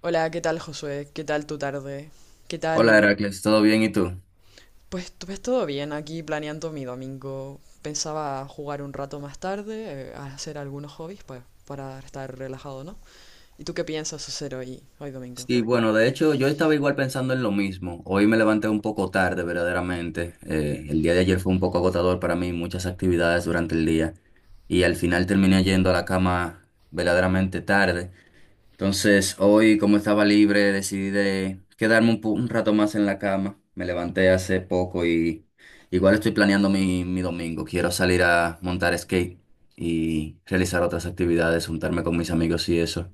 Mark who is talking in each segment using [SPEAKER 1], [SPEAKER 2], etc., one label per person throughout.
[SPEAKER 1] Hola, ¿qué tal Josué? ¿Qué tal tu tarde? ¿Qué
[SPEAKER 2] Hola
[SPEAKER 1] tal?
[SPEAKER 2] Heracles, ¿todo bien? ¿Y tú?
[SPEAKER 1] Pues todo bien, aquí planeando mi domingo. Pensaba jugar un rato más tarde, hacer algunos hobbies, pues para estar relajado, ¿no? ¿Y tú qué piensas hacer hoy domingo?
[SPEAKER 2] Sí, bueno, de hecho yo estaba igual pensando en lo mismo. Hoy me levanté un poco tarde, verdaderamente. El día de ayer fue un poco agotador para mí, muchas actividades durante el día y al final terminé yendo a la cama verdaderamente tarde. Entonces hoy, como estaba libre, decidí de quedarme un, un rato más en la cama. Me levanté hace poco y igual estoy planeando mi domingo. Quiero salir a montar skate y realizar otras actividades, juntarme con mis amigos y eso.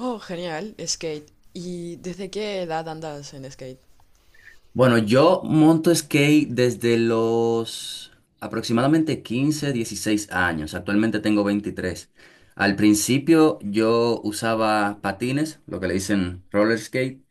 [SPEAKER 1] Oh, genial, skate. ¿Y desde qué edad andas en skate?
[SPEAKER 2] Bueno, yo monto skate desde los aproximadamente 15, 16 años. Actualmente tengo 23. Al principio yo usaba patines, lo que le dicen roller skate,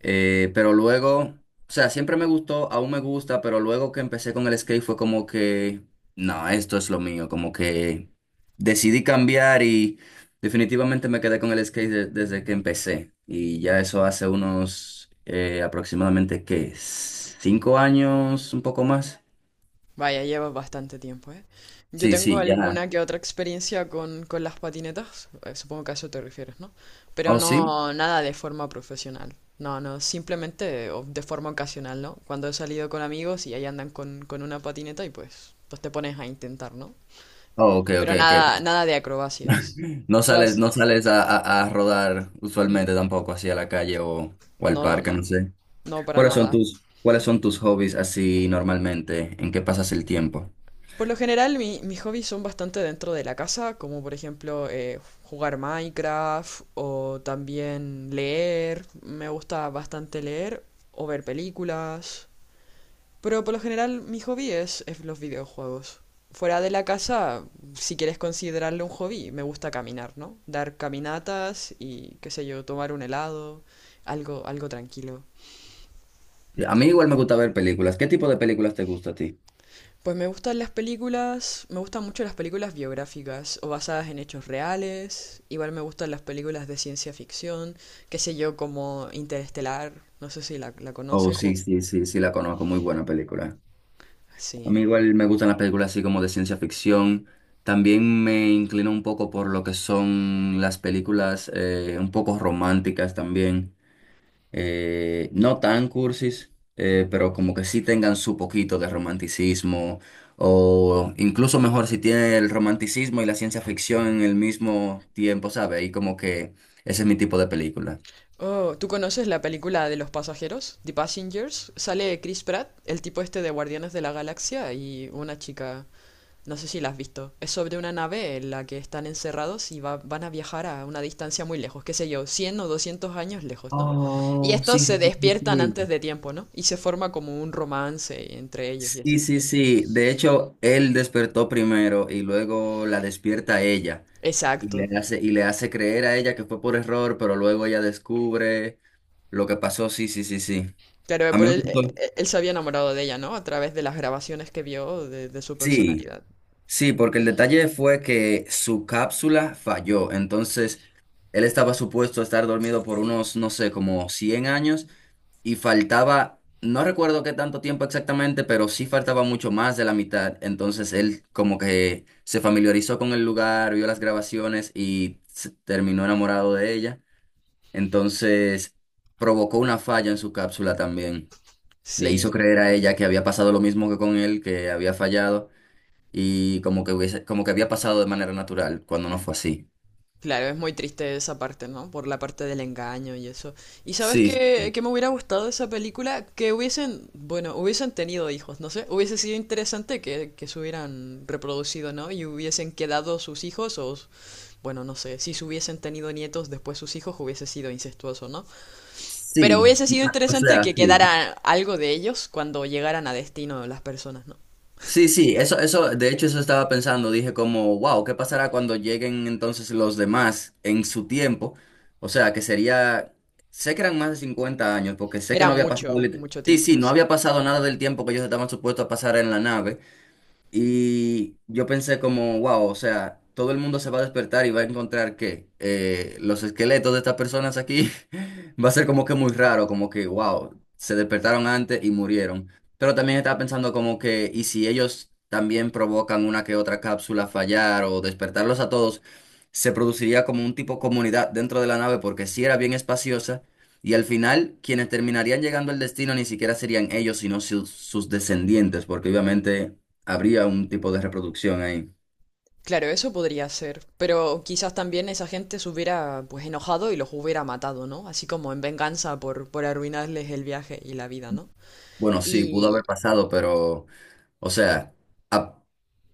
[SPEAKER 2] pero luego, o sea, siempre me gustó, aún me gusta, pero luego que empecé con el skate fue como que, no, esto es lo mío, como que decidí cambiar y definitivamente me quedé con el skate desde que empecé. Y ya eso hace unos aproximadamente, ¿qué? ¿5 años, un poco más?
[SPEAKER 1] Vaya, llevas bastante tiempo, ¿eh? Yo
[SPEAKER 2] Sí,
[SPEAKER 1] tengo
[SPEAKER 2] sí, ya.
[SPEAKER 1] alguna que otra experiencia con las patinetas, supongo que a eso te refieres, ¿no? Pero
[SPEAKER 2] ¿Oh, sí?
[SPEAKER 1] no nada de forma profesional, no, no, simplemente de forma ocasional, ¿no? Cuando he salido con amigos y ahí andan con una patineta y pues te pones a intentar, ¿no?
[SPEAKER 2] Oh, ok, ok,
[SPEAKER 1] Pero nada,
[SPEAKER 2] ok.
[SPEAKER 1] nada de acrobacias.
[SPEAKER 2] No
[SPEAKER 1] Tú
[SPEAKER 2] sales,
[SPEAKER 1] has...
[SPEAKER 2] no sales a, a rodar
[SPEAKER 1] n-
[SPEAKER 2] usualmente tampoco, así a la calle o al
[SPEAKER 1] No, no,
[SPEAKER 2] parque, no
[SPEAKER 1] no,
[SPEAKER 2] sé.
[SPEAKER 1] no para nada.
[SPEAKER 2] Cuáles son tus hobbies así normalmente? ¿En qué pasas el tiempo?
[SPEAKER 1] Por lo general, mis hobbies son bastante dentro de la casa, como por ejemplo jugar Minecraft o también leer. Me gusta bastante leer o ver películas. Pero por lo general, mi hobby es los videojuegos. Fuera de la casa, si quieres considerarlo un hobby, me gusta caminar, ¿no? Dar caminatas y, qué sé yo, tomar un helado, algo, algo tranquilo.
[SPEAKER 2] A mí igual me gusta ver películas. ¿Qué tipo de películas te gusta a ti?
[SPEAKER 1] Pues me gustan las películas, me gustan mucho las películas biográficas o basadas en hechos reales. Igual me gustan las películas de ciencia ficción, qué sé yo, como Interestelar, no sé si la
[SPEAKER 2] Oh,
[SPEAKER 1] conoces
[SPEAKER 2] sí,
[SPEAKER 1] o...
[SPEAKER 2] sí, sí, sí, la conozco, muy buena película. A mí
[SPEAKER 1] Sí.
[SPEAKER 2] igual me gustan las películas así como de ciencia ficción. También me inclino un poco por lo que son las películas un poco románticas también. No tan cursis, pero como que sí tengan su poquito de romanticismo, o incluso mejor si tiene el romanticismo y la ciencia ficción en el mismo tiempo, ¿sabe? Y como que ese es mi tipo de película.
[SPEAKER 1] Oh, ¿tú conoces la película de los pasajeros, The Passengers? Sale Chris Pratt, el tipo este de Guardianes de la Galaxia, y una chica. No sé si la has visto. Es sobre una nave en la que están encerrados y van a viajar a una distancia muy lejos, qué sé yo, 100 o 200 años lejos, ¿no? Y
[SPEAKER 2] Oh,
[SPEAKER 1] estos
[SPEAKER 2] sí, sí,
[SPEAKER 1] se
[SPEAKER 2] sí,
[SPEAKER 1] despiertan
[SPEAKER 2] sí.
[SPEAKER 1] antes
[SPEAKER 2] Sí.
[SPEAKER 1] de tiempo, ¿no? Y se forma como un romance entre ellos y
[SPEAKER 2] Sí,
[SPEAKER 1] así.
[SPEAKER 2] sí, sí. De hecho, él despertó primero y luego la despierta a ella
[SPEAKER 1] Exacto.
[SPEAKER 2] y le hace creer a ella que fue por error, pero luego ella descubre lo que pasó. Sí, sí, sí, sí.
[SPEAKER 1] Claro,
[SPEAKER 2] A mí
[SPEAKER 1] por
[SPEAKER 2] me
[SPEAKER 1] él,
[SPEAKER 2] gustó.
[SPEAKER 1] él se había enamorado de ella, ¿no? A través de las grabaciones que vio de su
[SPEAKER 2] Sí,
[SPEAKER 1] personalidad.
[SPEAKER 2] sí, porque el detalle fue que su cápsula falló, entonces él estaba supuesto a estar dormido por unos, no sé, como 100 años y faltaba, no recuerdo qué tanto tiempo exactamente, pero sí faltaba mucho más de la mitad, entonces él como que se familiarizó con el lugar, vio las grabaciones y se terminó enamorado de ella, entonces provocó una falla en su cápsula también, le hizo
[SPEAKER 1] Sí.
[SPEAKER 2] creer a ella que había pasado lo mismo que con él, que había fallado y como que hubiese, como que había pasado de manera natural cuando no fue así.
[SPEAKER 1] Claro, es muy triste esa parte, ¿no? Por la parte del engaño y eso. ¿Y sabes
[SPEAKER 2] Sí,
[SPEAKER 1] qué me hubiera gustado de esa película? Que hubiesen, bueno, hubiesen tenido hijos, no sé. Hubiese sido interesante que se hubieran reproducido, ¿no? Y hubiesen quedado sus hijos o, bueno, no sé, si se hubiesen tenido nietos después sus hijos hubiese sido incestuoso, ¿no? Pero
[SPEAKER 2] sí,
[SPEAKER 1] hubiese sido
[SPEAKER 2] o
[SPEAKER 1] interesante
[SPEAKER 2] sea,
[SPEAKER 1] que
[SPEAKER 2] sí.
[SPEAKER 1] quedara algo de ellos cuando llegaran a destino las personas, ¿no?
[SPEAKER 2] Sí, sí, eso, de hecho eso estaba pensando, dije como, wow, ¿qué pasará cuando lleguen entonces los demás en su tiempo? O sea, que sería, sé que eran más de 50 años, porque sé que
[SPEAKER 1] Era
[SPEAKER 2] no había pasado,
[SPEAKER 1] mucho, mucho
[SPEAKER 2] sí, sí,
[SPEAKER 1] tiempo,
[SPEAKER 2] no
[SPEAKER 1] sí.
[SPEAKER 2] había pasado nada del tiempo que ellos estaban supuestos a pasar en la nave. Y yo pensé como, wow, o sea, todo el mundo se va a despertar y va a encontrar que los esqueletos de estas personas aquí va a ser como que muy raro, como que, wow, se despertaron antes y murieron. Pero también estaba pensando como que, ¿y si ellos también provocan una que otra cápsula fallar o despertarlos a todos? Se produciría como un tipo comunidad dentro de la nave porque sí era bien espaciosa y al final quienes terminarían llegando al destino ni siquiera serían ellos, sino sus descendientes, porque obviamente habría un tipo de reproducción ahí.
[SPEAKER 1] Claro, eso podría ser, pero quizás también esa gente se hubiera pues enojado y los hubiera matado, ¿no? Así como en venganza por arruinarles el viaje y la vida, ¿no?
[SPEAKER 2] Bueno, sí, pudo
[SPEAKER 1] Y...
[SPEAKER 2] haber pasado, pero, o sea, a-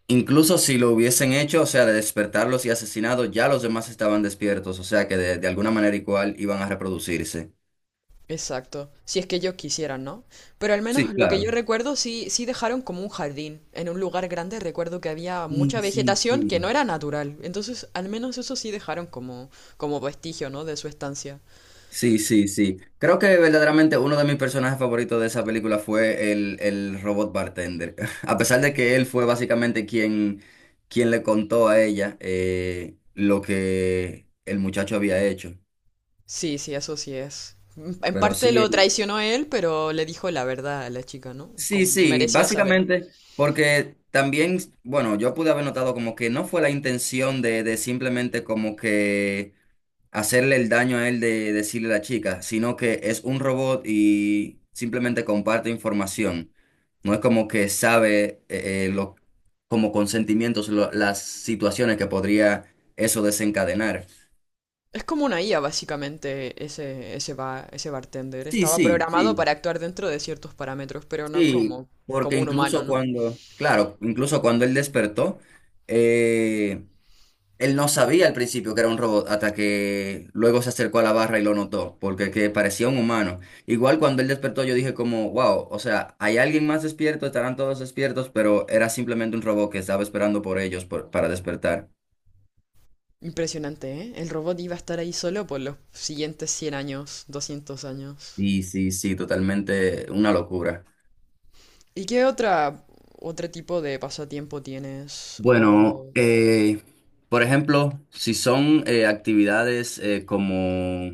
[SPEAKER 2] incluso si lo hubiesen hecho, o sea, de despertarlos y asesinados, ya los demás estaban despiertos, o sea, que de alguna manera igual iban a reproducirse.
[SPEAKER 1] Exacto, si es que ellos quisieran, ¿no? Pero al
[SPEAKER 2] Sí,
[SPEAKER 1] menos lo que yo
[SPEAKER 2] claro.
[SPEAKER 1] recuerdo sí, sí dejaron como un jardín. En un lugar grande recuerdo que había
[SPEAKER 2] Sí,
[SPEAKER 1] mucha
[SPEAKER 2] sí,
[SPEAKER 1] vegetación que no
[SPEAKER 2] sí.
[SPEAKER 1] era natural. Entonces, al menos eso sí dejaron como, como vestigio, ¿no? De su estancia.
[SPEAKER 2] Sí, sí, sí. Creo que verdaderamente uno de mis personajes favoritos de esa película fue el robot bartender. A pesar de que él fue básicamente quien, quien le contó a ella lo que el muchacho había hecho.
[SPEAKER 1] Sí, sí, eso sí es. En
[SPEAKER 2] Pero
[SPEAKER 1] parte lo
[SPEAKER 2] sí,
[SPEAKER 1] traicionó él, pero le dijo la verdad a la chica, ¿no?
[SPEAKER 2] sí,
[SPEAKER 1] Como
[SPEAKER 2] sí,
[SPEAKER 1] merecía saber.
[SPEAKER 2] básicamente porque también, bueno, yo pude haber notado como que no fue la intención de simplemente como que hacerle el daño a él de decirle a la chica, sino que es un robot y simplemente comparte información. No es como que sabe lo, como consentimientos las situaciones que podría eso desencadenar.
[SPEAKER 1] Es como una IA, básicamente, ese bartender.
[SPEAKER 2] Sí,
[SPEAKER 1] Estaba
[SPEAKER 2] sí,
[SPEAKER 1] programado
[SPEAKER 2] sí.
[SPEAKER 1] para actuar dentro de ciertos parámetros, pero no
[SPEAKER 2] Sí,
[SPEAKER 1] como,
[SPEAKER 2] porque
[SPEAKER 1] como un humano,
[SPEAKER 2] incluso
[SPEAKER 1] ¿no?
[SPEAKER 2] cuando, claro, incluso cuando él despertó, eh, él no sabía al principio que era un robot hasta que luego se acercó a la barra y lo notó, porque que parecía un humano. Igual cuando él despertó yo dije como, wow, o sea, hay alguien más despierto, estarán todos despiertos, pero era simplemente un robot que estaba esperando por ellos para despertar.
[SPEAKER 1] Impresionante, ¿eh? El robot iba a estar ahí solo por los siguientes cien años, doscientos años.
[SPEAKER 2] Sí, sí, sí, totalmente una locura.
[SPEAKER 1] ¿Y qué otra, otro tipo de pasatiempo tienes?
[SPEAKER 2] Bueno,
[SPEAKER 1] O...
[SPEAKER 2] por ejemplo, si son actividades como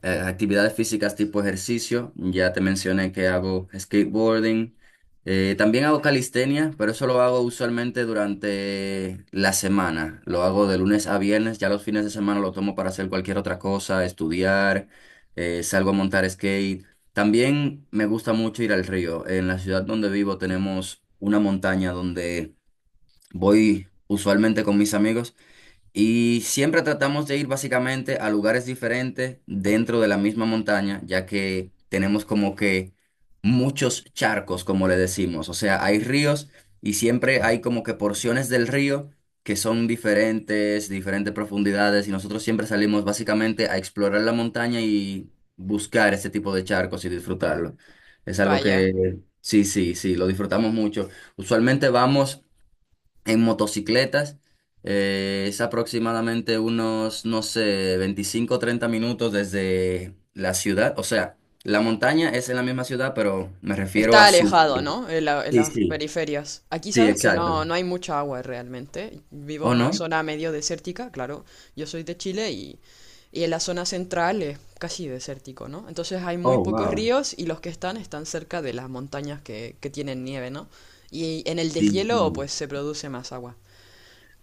[SPEAKER 2] Actividades físicas tipo ejercicio, ya te mencioné que hago skateboarding. También hago calistenia, pero eso lo hago usualmente durante la semana. Lo hago de lunes a viernes, ya los fines de semana lo tomo para hacer cualquier otra cosa, estudiar, salgo a montar skate. También me gusta mucho ir al río. En la ciudad donde vivo tenemos una montaña donde voy usualmente con mis amigos. Y siempre tratamos de ir básicamente a lugares diferentes dentro de la misma montaña, ya que tenemos como que muchos charcos, como le decimos. O sea, hay ríos y siempre hay como que porciones del río que son diferentes, diferentes profundidades, y nosotros siempre salimos básicamente a explorar la montaña y buscar ese tipo de charcos y disfrutarlo. Es algo
[SPEAKER 1] Vaya.
[SPEAKER 2] que sí, sí, sí, lo disfrutamos mucho. Usualmente vamos en motocicletas. Es aproximadamente unos, no sé, 25 o 30 minutos desde la ciudad. O sea, la montaña es en la misma ciudad, pero me refiero a
[SPEAKER 1] Está alejado,
[SPEAKER 2] subir.
[SPEAKER 1] ¿no? En
[SPEAKER 2] Sí,
[SPEAKER 1] las
[SPEAKER 2] sí.
[SPEAKER 1] periferias. Aquí
[SPEAKER 2] Sí,
[SPEAKER 1] sabes que no,
[SPEAKER 2] exacto.
[SPEAKER 1] no hay mucha agua realmente. Vivo
[SPEAKER 2] ¿O
[SPEAKER 1] en una
[SPEAKER 2] no?
[SPEAKER 1] zona medio desértica, claro. Yo soy de Chile y en la zona central es casi desértico, ¿no? Entonces hay muy
[SPEAKER 2] Oh,
[SPEAKER 1] pocos
[SPEAKER 2] wow.
[SPEAKER 1] ríos y los que están están cerca de las montañas que tienen nieve, ¿no? Y en el
[SPEAKER 2] Sí,
[SPEAKER 1] deshielo
[SPEAKER 2] sí.
[SPEAKER 1] pues se produce más agua.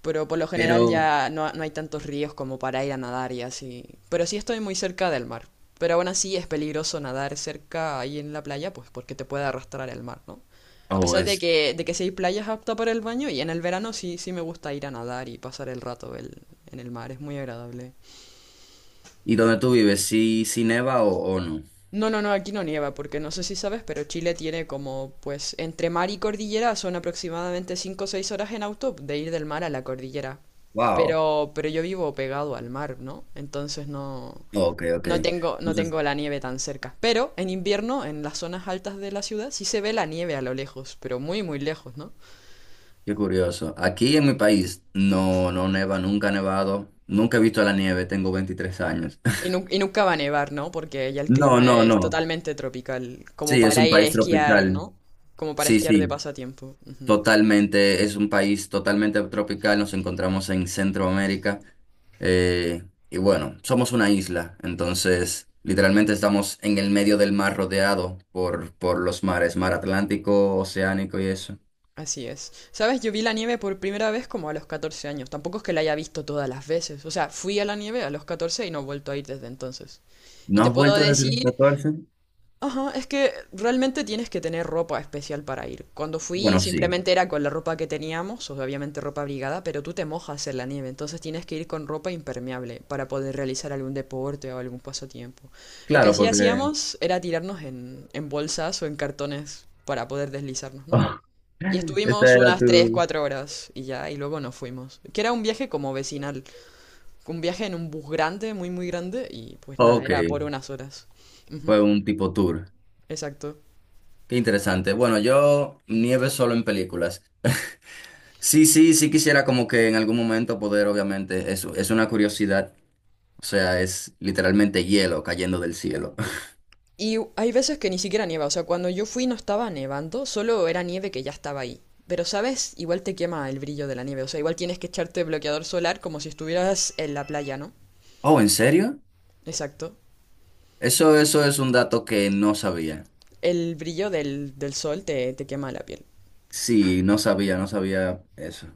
[SPEAKER 1] Pero por lo general
[SPEAKER 2] Pero,
[SPEAKER 1] ya no, no hay tantos ríos como para ir a nadar y así. Pero sí estoy muy cerca del mar. Pero aún así es peligroso nadar cerca ahí en la playa, pues porque te puede arrastrar el mar, ¿no? A
[SPEAKER 2] oh,
[SPEAKER 1] pesar de
[SPEAKER 2] es.
[SPEAKER 1] que sí hay playas aptas para el baño y en el verano sí, sí me gusta ir a nadar y pasar el rato en el mar, es muy agradable.
[SPEAKER 2] ¿Y dónde tú vives? ¿Sí, sí neva o no?
[SPEAKER 1] No, no, no, aquí no nieva, porque no sé si sabes, pero Chile tiene como, pues, entre mar y cordillera son aproximadamente 5 o 6 horas en auto de ir del mar a la cordillera.
[SPEAKER 2] Wow.
[SPEAKER 1] Pero yo vivo pegado al mar, ¿no? Entonces no,
[SPEAKER 2] Ok, ok.
[SPEAKER 1] no tengo, no
[SPEAKER 2] Entonces,
[SPEAKER 1] tengo la nieve tan cerca. Pero en invierno, en las zonas altas de la ciudad, sí se ve la nieve a lo lejos, pero muy, muy lejos, ¿no?
[SPEAKER 2] qué curioso. Aquí en mi país no, no neva, nunca ha nevado, nunca he visto la nieve, tengo 23 años.
[SPEAKER 1] Y nunca va a nevar, ¿no? Porque ya el
[SPEAKER 2] No,
[SPEAKER 1] clima
[SPEAKER 2] no,
[SPEAKER 1] es
[SPEAKER 2] no.
[SPEAKER 1] totalmente tropical, como
[SPEAKER 2] Sí, es un
[SPEAKER 1] para ir a
[SPEAKER 2] país
[SPEAKER 1] esquiar,
[SPEAKER 2] tropical.
[SPEAKER 1] ¿no? Como para
[SPEAKER 2] Sí,
[SPEAKER 1] esquiar de
[SPEAKER 2] sí,
[SPEAKER 1] pasatiempo. Ujú.
[SPEAKER 2] totalmente. Es un país totalmente tropical. Nos encontramos en Centroamérica. Y bueno, somos una isla. Entonces, literalmente estamos en el medio del mar rodeado por los mares, mar Atlántico, Oceánico y eso.
[SPEAKER 1] Así es. Sabes, yo vi la nieve por primera vez como a los 14 años. Tampoco es que la haya visto todas las veces. O sea, fui a la nieve a los 14 y no he vuelto a ir desde entonces. Y
[SPEAKER 2] ¿No
[SPEAKER 1] te
[SPEAKER 2] has
[SPEAKER 1] puedo
[SPEAKER 2] vuelto desde los
[SPEAKER 1] decir,
[SPEAKER 2] 14?
[SPEAKER 1] ajá, es que realmente tienes que tener ropa especial para ir. Cuando fui
[SPEAKER 2] Bueno, sí.
[SPEAKER 1] simplemente era con la ropa que teníamos, o obviamente ropa abrigada, pero tú te mojas en la nieve, entonces tienes que ir con ropa impermeable para poder realizar algún deporte o algún pasatiempo. Lo que
[SPEAKER 2] Claro,
[SPEAKER 1] sí
[SPEAKER 2] porque...
[SPEAKER 1] hacíamos era tirarnos en bolsas o en cartones para poder deslizarnos, ¿no? Y
[SPEAKER 2] esta
[SPEAKER 1] estuvimos
[SPEAKER 2] era
[SPEAKER 1] unas
[SPEAKER 2] tu...
[SPEAKER 1] 3 4 horas y ya, y luego nos fuimos. Que era un viaje como vecinal, un viaje en un bus grande, muy, muy grande, y pues nada,
[SPEAKER 2] Ok,
[SPEAKER 1] era por unas horas. Ujú,
[SPEAKER 2] fue un tipo tour.
[SPEAKER 1] exacto.
[SPEAKER 2] Qué interesante. Bueno, yo nieve solo en películas. Sí, sí, sí quisiera como que en algún momento poder, obviamente, es una curiosidad. O sea, es literalmente hielo cayendo del cielo.
[SPEAKER 1] Hay veces que ni siquiera nieva, o sea, cuando yo fui no estaba nevando, solo era nieve que ya estaba ahí. Pero, ¿sabes? Igual te quema el brillo de la nieve, o sea, igual tienes que echarte bloqueador solar como si estuvieras en la playa, ¿no?
[SPEAKER 2] Oh, ¿en serio?
[SPEAKER 1] Exacto.
[SPEAKER 2] Eso es un dato que no sabía.
[SPEAKER 1] El brillo del sol te quema la piel.
[SPEAKER 2] Sí, no sabía, no sabía eso.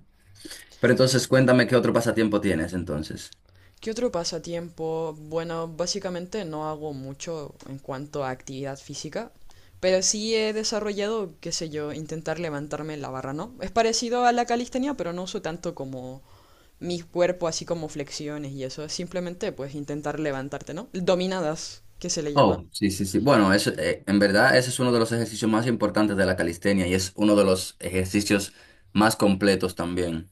[SPEAKER 2] Pero entonces cuéntame qué otro pasatiempo tienes entonces.
[SPEAKER 1] ¿Qué otro pasatiempo? Bueno, básicamente no hago mucho en cuanto a actividad física, pero sí he desarrollado, qué sé yo, intentar levantarme la barra, ¿no? Es parecido a la calistenia, pero no uso tanto como mi cuerpo, así como flexiones y eso. Es Simplemente, pues, intentar levantarte, ¿no? Dominadas, que se le llama.
[SPEAKER 2] Oh, sí, sí, sí. Bueno, eso, en verdad ese es uno de los ejercicios más importantes de la calistenia y es uno de los ejercicios más completos también.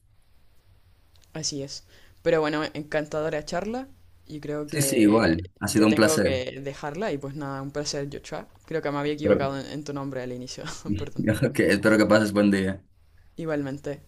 [SPEAKER 1] Así es. Pero bueno, encantadora charla y creo
[SPEAKER 2] Sí, sí,
[SPEAKER 1] que
[SPEAKER 2] igual. Ha sido
[SPEAKER 1] ya
[SPEAKER 2] un
[SPEAKER 1] tengo
[SPEAKER 2] placer.
[SPEAKER 1] que dejarla y pues nada, un placer, Joshua. Creo que me había
[SPEAKER 2] Pero,
[SPEAKER 1] equivocado en tu nombre al inicio, perdón.
[SPEAKER 2] que ok, espero que pases buen día.
[SPEAKER 1] Igualmente.